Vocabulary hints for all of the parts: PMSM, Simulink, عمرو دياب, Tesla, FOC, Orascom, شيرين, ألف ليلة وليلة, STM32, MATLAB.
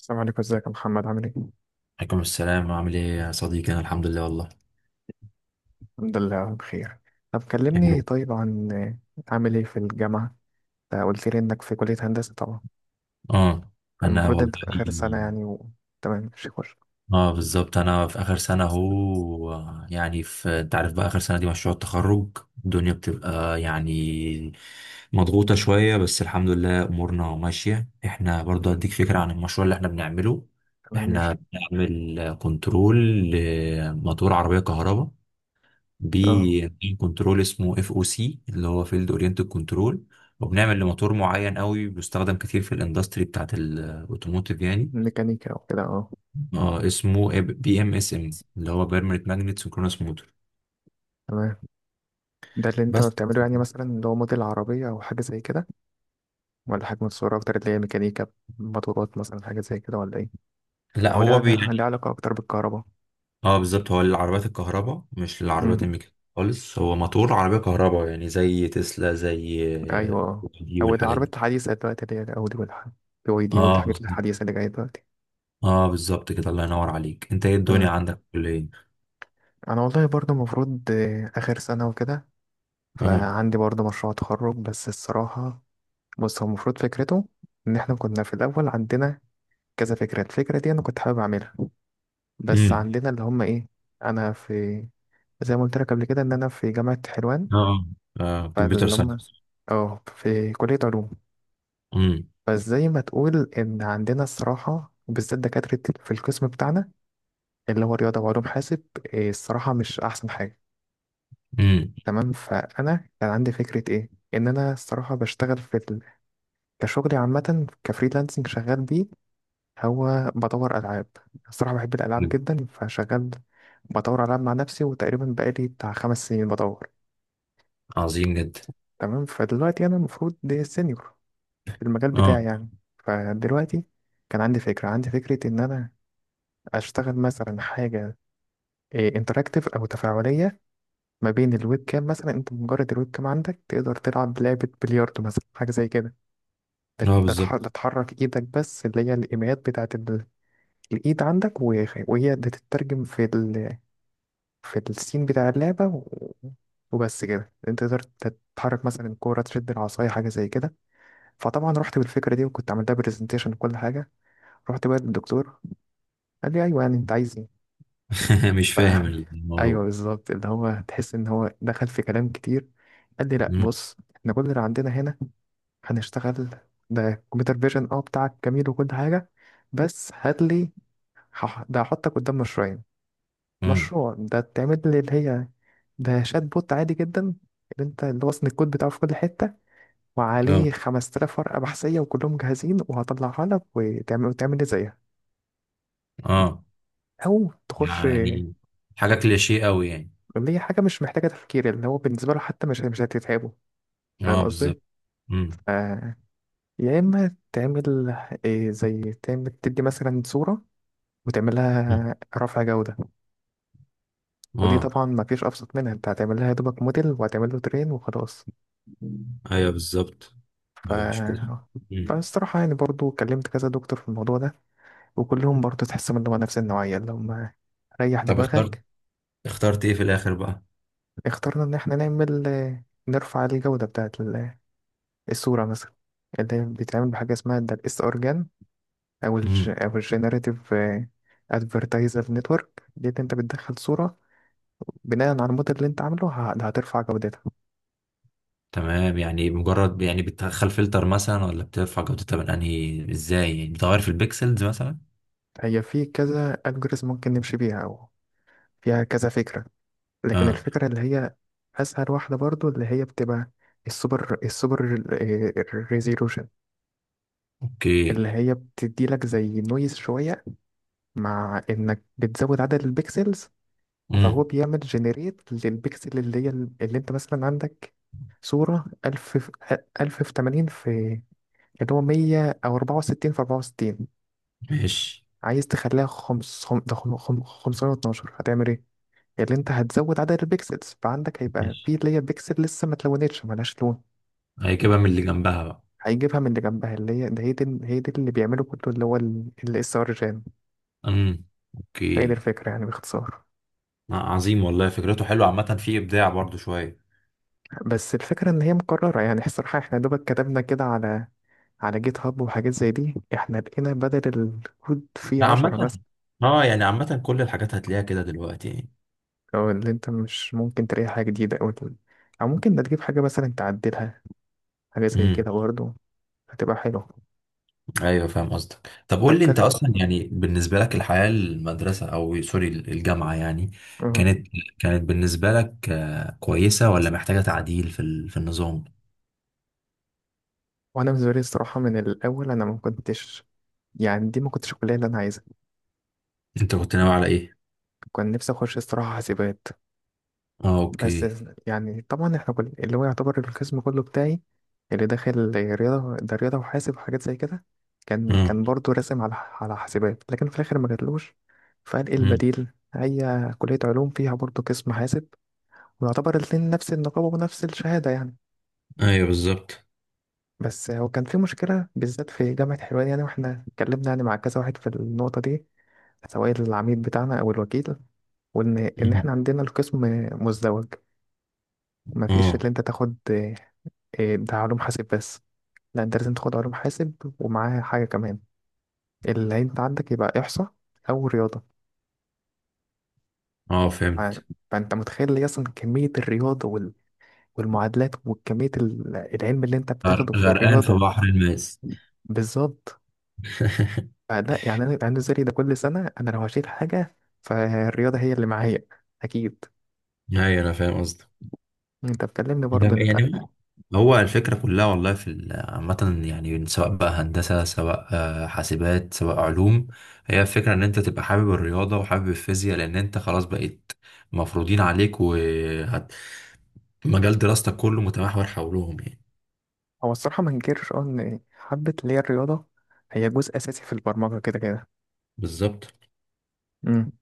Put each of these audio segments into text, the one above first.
السلام عليكم، ازيك يا محمد؟ عامل ايه؟ عليكم السلام، عامل ايه يا صديقي؟ انا الحمد لله والله. الحمد لله بخير. طب يا كلمني رب. طيب عن عامل ايه في الجامعة؟ انت قلت لي انك في كلية هندسة طبعا، اه. انا فالمفروض والله. انت في آخر سنة يعني و... تمام ماشي خش. اه بالظبط، انا في اخر سنه اهو. يعني في، انت عارف بقى، اخر سنه دي مشروع التخرج. الدنيا بتبقى يعني مضغوطه شويه، بس الحمد لله امورنا ماشيه. احنا برضه هديك فكره عن المشروع اللي احنا بنعمله. تمام ماشي. احنا بنعمل كنترول لموتور عربيه كهرباء. اه بي كنترول اسمه اف او سي، اللي هو فيلد اورينتد كنترول. وبنعمل لموتور معين قوي بيستخدم كتير في الاندستري بتاعت الاوتوموتيف يعني. ميكانيكا وكده اه. اه، اسمه بي ام اس ام، اللي هو بيرمننت ماجنت سينكرونس موتور. تمام. ده اللي انت بس. بتعمله يعني؟ مثلا اللي هو موديل عربية او حاجة زي كده؟ ولا حاجة متصورة اكتر اللي هي ميكانيكا، موتورات مثلا، حاجة زي كده ولا ايه؟ لا، او ليها هو ليها يعني. علاقة اكتر بالكهرباء؟ اه بالظبط، هو للعربيات الكهرباء مش للعربيات امم. الميكانيكية خالص. هو موتور عربية كهرباء، يعني زي تسلا، زي ايوه اه. دي او والحاجات دي. العربيات الحديثة دلوقتي اللي هي الاودي والحاجات، بي واي دي اه والحاجات بالظبط. الحديثة اللي جاية دلوقتي. اه بالظبط كده، الله ينور عليك. انت ايه الدنيا آه. عندك في الكلية؟ انا والله برضه المفروض اخر سنه وكده، اه. فعندي برضه مشروع تخرج بس الصراحه. بص، هو المفروض فكرته ان احنا كنا في الاول عندنا كذا فكره، الفكره دي انا كنت حابب اعملها، بس امم. عندنا اللي هم ايه. انا في، زي ما قلت لك قبل كده، ان انا في جامعه حلوان، اه. اه، كمبيوتر فاللي ساينس. هم اه، في كليه علوم. امم. فازاي ما تقول ان عندنا الصراحه وبالذات دكاتره في القسم بتاعنا اللي هو رياضه وعلوم حاسب، الصراحه مش احسن حاجه. امم. تمام. فانا كان عندي فكره ايه، ان انا الصراحه بشتغل في ال... كشغلي عامه كفريلانسنج شغال بيه، هو بدور العاب. الصراحه بحب الالعاب جدا، فشغال بدور العاب مع نفسي، وتقريبا بقالي بتاع خمس سنين بدور. عظيم جدا. تمام. فدلوقتي انا المفروض دي سينيور في المجال بتاعي اه. يعني. فدلوقتي كان عندي فكره ان انا اشتغل مثلا حاجه انتراكتيف او تفاعليه، ما بين الويب كام، مثلا انت مجرد الويب كام عندك تقدر تلعب لعبه بلياردو، مثلا حاجه زي كده. ده اه ده تح- ده بالظبط. تحرك ايدك بس، اللي هي الايميات بتاعت ال- الايد عندك، وهي بتترجم في ال... في السين بتاع اللعبة و... وبس كده انت تقدر تتحرك مثلا الكورة، تشد العصاية، حاجة زي كده. فطبعا رحت بالفكرة دي وكنت عملتها برزنتيشن وكل حاجة، رحت بقى للدكتور، قال لي ايوه يعني انت عايز ايه. مش ف... فاهم ايوه الموضوع. بالظبط، اللي هو تحس ان هو دخل في كلام كتير. قال لي لا امم. بص، احنا كل اللي عندنا هنا هنشتغل ده كمبيوتر فيجن، اه بتاعك جميل وكل حاجة، بس هات لي، ده هحطك قدام مشروعين. امم. مشروع ده تعمل لي اللي هي ده شات بوت عادي جدا، اللي انت اللي وصل الكود بتاعه في كل حتة اه. وعليه 5000 ورقة بحثية وكلهم جاهزين وهطلعها لك وتعمل، وتعمل لي زيها، اه، أو تخش. يعني حاجه كليشيه قوي يعني. اللي هي حاجة مش محتاجة تفكير، اللي هو بالنسبة له حتى مش هتتعبه. فاهم اه بالظبط. قصدي؟ امم. ف- يا إما تعمل إيه، زي تعمل تدي مثلا صورة وتعمل لها رفع جودة، ودي اه. طبعا ما فيش أبسط منها، انت هتعمل لها يا دوبك موديل وهتعمل له ترين وخلاص. ايوه بالظبط. مش كده. ف امم. فالصراحة يعني برضو كلمت كذا دكتور في الموضوع ده، وكلهم برضو تحسهم اللي هو نفس النوعية اللي هم ريح طب، اخترت دماغك. اخترت ايه في الاخر بقى؟ اخترنا إن احنا نعمل، نرفع الجودة بتاعت ال- الصورة مثلا، اللي بيتعمل بحاجة اسمها ده الاس ار جان، أو ال امم. أو الجنريتيف ادفرتايزر نتورك دي، اللي انت بتدخل صورة بناء على الموديل اللي انت عامله، هترفع جودتها. تمام، يعني مجرد يعني بتدخل فلتر مثلا، ولا بترفع جودتها من انهي ازاي؟ يعني بتغير في البيكسلز مثلا؟ هي في كذا الجوريزم ممكن نمشي بيها، او فيها كذا فكرة، لكن اه. الفكرة اللي هي اسهل واحدة برضو اللي هي بتبقى السوبر السوبر ريزولوشن، اوكي. اللي هي بتدي لك زي نويز شوية، مع انك بتزود عدد البكسلز. فهو امم. بيعمل جنريت للبكسل اللي هي، اللي انت مثلا عندك صورة 1000 في 1000 في 80 في اللي هو 100، او 64 في 64 ماشي. عايز تخليها 5 512، هتعمل إيه؟ اللي انت هتزود عدد البيكسلز، فعندك هيبقى ماشي، في اللي هي بيكسل لسه ما اتلونتش ملهاش لون. هيجيبها من اللي جنبها بقى. هيجيبها من اللي جنبها، اللي هي ده هي دي هي دي اللي بيعمله كله اللي هو الاس ار جام. امم. هي دي اوكي. الفكره يعني باختصار. عظيم والله، فكرته حلوه، عامه في ابداع برضو شويه. بس الفكره ان هي مكرره يعني، الصراحه احنا يا دوبك كتبنا كده على على جيت هاب وحاجات زي دي، احنا لقينا بدل الكود فيه عشرة عامه. بس. اه يعني، عامه كل الحاجات هتلاقيها كده دلوقتي يعني. او اللي انت مش ممكن تلاقي حاجة جديدة، او او ممكن ده تجيب حاجة مثلا تعدلها، حاجة زي امم. كده برضه هتبقى حلوة. ايوه، فاهم قصدك. طب طب قول لي، انت اصلا يعني بالنسبه لك الحياه المدرسه، او سوري، الجامعه يعني، كلم. كانت كانت بالنسبه لك كويسه، ولا محتاجه تعديل في النظام؟ وانا بالنسبه لي الصراحه من الاول انا ما كنتش، يعني دي ما كنتش الكليه اللي انا عايزها. انت كنت ناوي على ايه؟ كان نفسي اخش الصراحه حاسبات، اه، بس اوكي. يعني طبعا احنا كل اللي هو يعتبر القسم كله بتاعي اللي داخل رياضه، ده رياضه وحاسب وحاجات زي كده. كان اه. كان برضه راسم على على حاسبات، لكن في الاخر ما جاتلوش، فقال ايه امم. البديل، هي كليه علوم فيها برضه قسم حاسب، ويعتبر الاتنين نفس النقابه ونفس الشهاده يعني. ايوه بالظبط. بس هو كان في مشكلة بالذات في جامعة حلوان، يعني واحنا اتكلمنا يعني مع كذا واحد في النقطة دي، سواء العميد بتاعنا أو الوكيل، وإن مم. إحنا عندنا القسم مزدوج، مفيش اه. اللي أنت تاخد ده علوم حاسب بس، لا أنت لازم تاخد علوم حاسب ومعاها حاجة كمان، اللي أنت عندك يبقى إحصاء أو رياضة. اه، ف- فهمت. فأنت متخيل لي أصلا كمية الرياضة والمعادلات وكمية العلم اللي أنت بتاخده في غرقان في الرياضة. بحر الماس. بالظبط. فلا يعني انا يبقى عندي الزري ده كل سنه، انا لو هشيل حاجه فالرياضه هي اللي معايا اكيد. ايوه، انا فاهم قصدك. انت بتكلمني برضه انت. يعني هو هو الفكرة كلها والله عامة يعني، سواء بقى هندسة، سواء حاسبات، سواء علوم. هي الفكرة ان انت تبقى حابب الرياضة وحابب الفيزياء، لان انت خلاص بقيت مفروضين عليك، ومجال دراستك كله متمحور حولهم يعني. هو الصراحه ما انكرش اه ان حبه اللي هي الرياضه هي جزء اساسي في البرمجه كده كده. بالظبط. امم.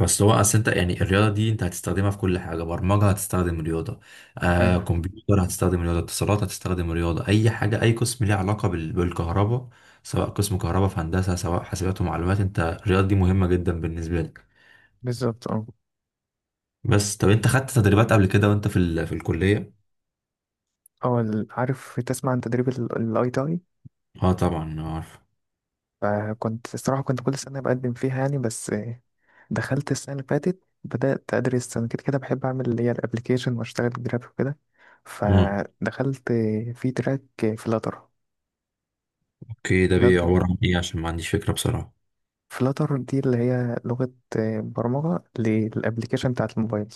بس هو اصل انت يعني، الرياضه دي انت هتستخدمها في كل حاجه. برمجه هتستخدم رياضه، ايوه كمبيوتر هتستخدم رياضه، اتصالات هتستخدم رياضه، اي حاجه، اي قسم ليه علاقه بالكهرباء. سواء قسم كهرباء في هندسه، سواء حاسبات ومعلومات، انت الرياضه دي مهمه جدا بالنسبه لك. بالظبط اه. بس طب، انت خدت تدريبات قبل كده وانت في الكليه؟ اه عارف تسمع عن تدريب الاي تي اي؟ اه طبعا عارف. فكنت الصراحه كنت كل سنه بقدم فيها يعني، بس دخلت السنه اللي فاتت بدات ادرس انا كده كده بحب اعمل اللي هي الابلكيشن واشتغل جرافيك وكده، اه فدخلت في تراك فلاتر. اوكي، ده بيعبر عن ايه؟ عشان ما عنديش فكره بصراحه. فلاتر دي اللي هي لغة برمجة للأبليكيشن بتاعت الموبايل.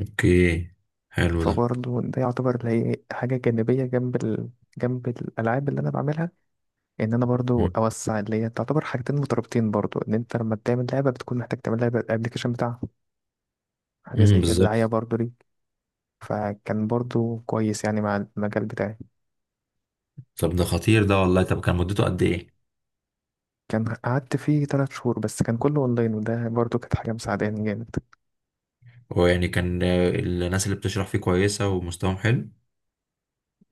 اوكي، حلو ده. فبرضه ده يعتبر اللي هي حاجة جانبية جنب ال... جنب الألعاب اللي أنا بعملها، إن أنا برضه أوسع، اللي هي تعتبر حاجتين مترابطين برضه، إن أنت لما بتعمل لعبة بتكون محتاج تعمل لعبة الأبليكيشن بتاعها، حاجة امم، زي كده بالظبط. دعاية برضه ليك. فكان برضه كويس يعني مع المجال بتاعي. طب ده خطير ده والله. طب كان مدته قد ايه؟ كان قعدت فيه تلات شهور بس، كان كله أونلاين، وده برضه كانت حاجة مساعداني جامد. هو يعني كان، الناس اللي بتشرح فيه كويسة ومستواهم حلو؟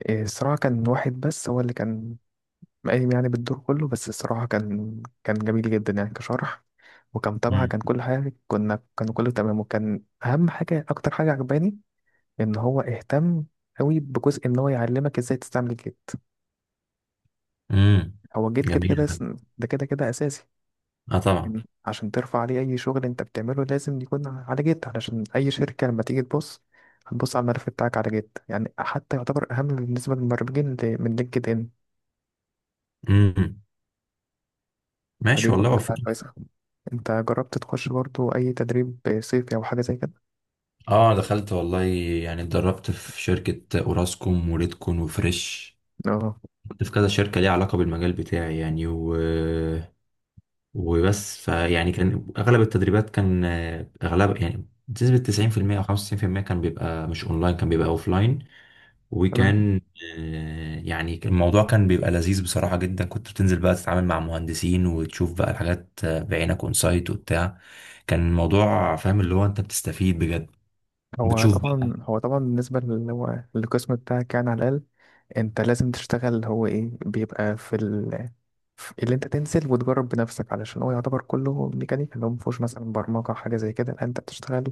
إيه، الصراحة كان واحد بس هو اللي كان قايم يعني بالدور كله، بس الصراحة كان كان جميل جدا يعني كشرح وكمتابعة، امم. كان كل حاجة كنا كان كله تمام، وكان أهم حاجة أكتر حاجة عجباني إن هو اهتم أوي بجزء إن هو يعلمك إزاي تستعمل جيت. امم. هو جيت كده كده جميل ده. ده كده كده أساسي، اه طبعا. إن عشان ترفع عليه أي شغل أنت بتعمله لازم يكون على جيت، علشان أي شركة لما تيجي تبص هتبص على الملف بتاعك على جيت يعني، حتى يعتبر أهم بالنسبة للمبرمجين من لينكد إن. امم. فدي ماشي برضه والله، كانت وفق. حاجة كويسة. انت جربت تخش برضو اي تدريب صيفي او حاجه زي كده؟ اه دخلت والله، يعني اتدربت في شركة اوراسكوم وريدكون وفريش. اه كنت في كذا شركة ليها علاقة بالمجال بتاعي يعني وبس. فيعني كان اغلب التدريبات كان اغلب يعني بنسبة 90% او 95%، كان بيبقى مش اونلاين، كان بيبقى اوفلاين. تمام. وكان يعني الموضوع كان بيبقى لذيذ بصراحة جدا. كنت بتنزل بقى، تتعامل مع مهندسين وتشوف بقى الحاجات بعينك اونسايت وبتاع. كان الموضوع فاهم، اللي هو انت بتستفيد بجد. هو بتشوف بقى. طبعا هو طبعا بالنسبه اللي هو القسم بتاعك يعني، على الاقل انت لازم تشتغل، هو ايه بيبقى في ال... في اللي انت تنزل وتجرب بنفسك، علشان هو يعتبر كله ميكانيكا، اللي هو مفهوش مثلا برمجه حاجه زي كده، لا انت بتشتغل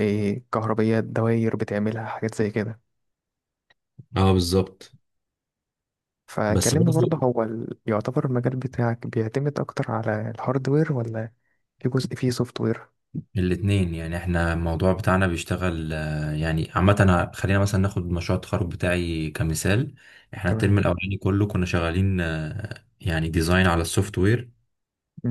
إيه، كهربيات، دواير، بتعملها حاجات زي كده. اه بالظبط. بس فكلمني برضه برضه، هو ال... يعتبر المجال بتاعك بيعتمد اكتر على الهاردوير، ولا في جزء فيه سوفت وير؟ الاتنين يعني. احنا الموضوع بتاعنا بيشتغل يعني عامة. خلينا مثلا ناخد مشروع التخرج بتاعي كمثال. احنا الترم تمام. الأولاني كله كنا شغالين يعني ديزاين على السوفت وير.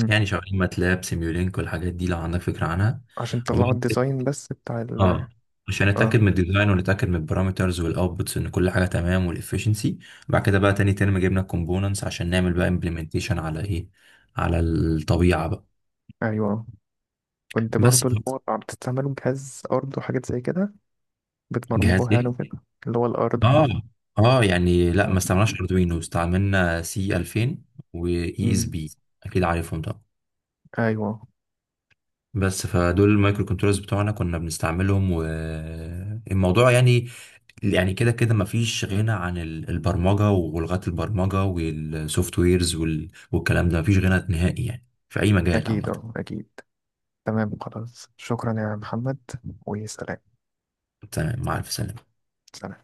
يعني شغالين ماتلاب سيميولينك والحاجات دي، لو عندك فكرة عنها. عشان طلعوا الديزاين بس بتاع ال اه، عشان نتاكد اه. من الديزاين ونتاكد من البارامترز والاوتبوتس ان كل حاجه تمام والافشنسي. بعد كده بقى تاني ترم جبنا الكومبوننتس عشان نعمل بقى امبلمنتيشن على ايه، على الطبيعه بقى. ايوه كنت بس برضو اللي هو بتستعملوا جهاز ارض وحاجات زي كده، جهاز بتبرمجوها يعني ايه؟ وكده اللي هو الارض. اه. اه يعني لا، آه. ما استعملناش اردوينو، استعملنا سي 2000 واي اس مم. بي، اكيد عارفهم طبعا. ايوه. بس فدول المايكرو كنترولرز بتوعنا كنا بنستعملهم، والموضوع يعني، يعني كده كده مفيش غنى البرمجة ولغات البرمجة والسوفت ويرز والكلام ده. مفيش غنى نهائي يعني في أي مجال اكيد عامة. اه اكيد. تمام خلاص شكرا يا محمد، وسلام. أنت مع ألف سلامة. سلام.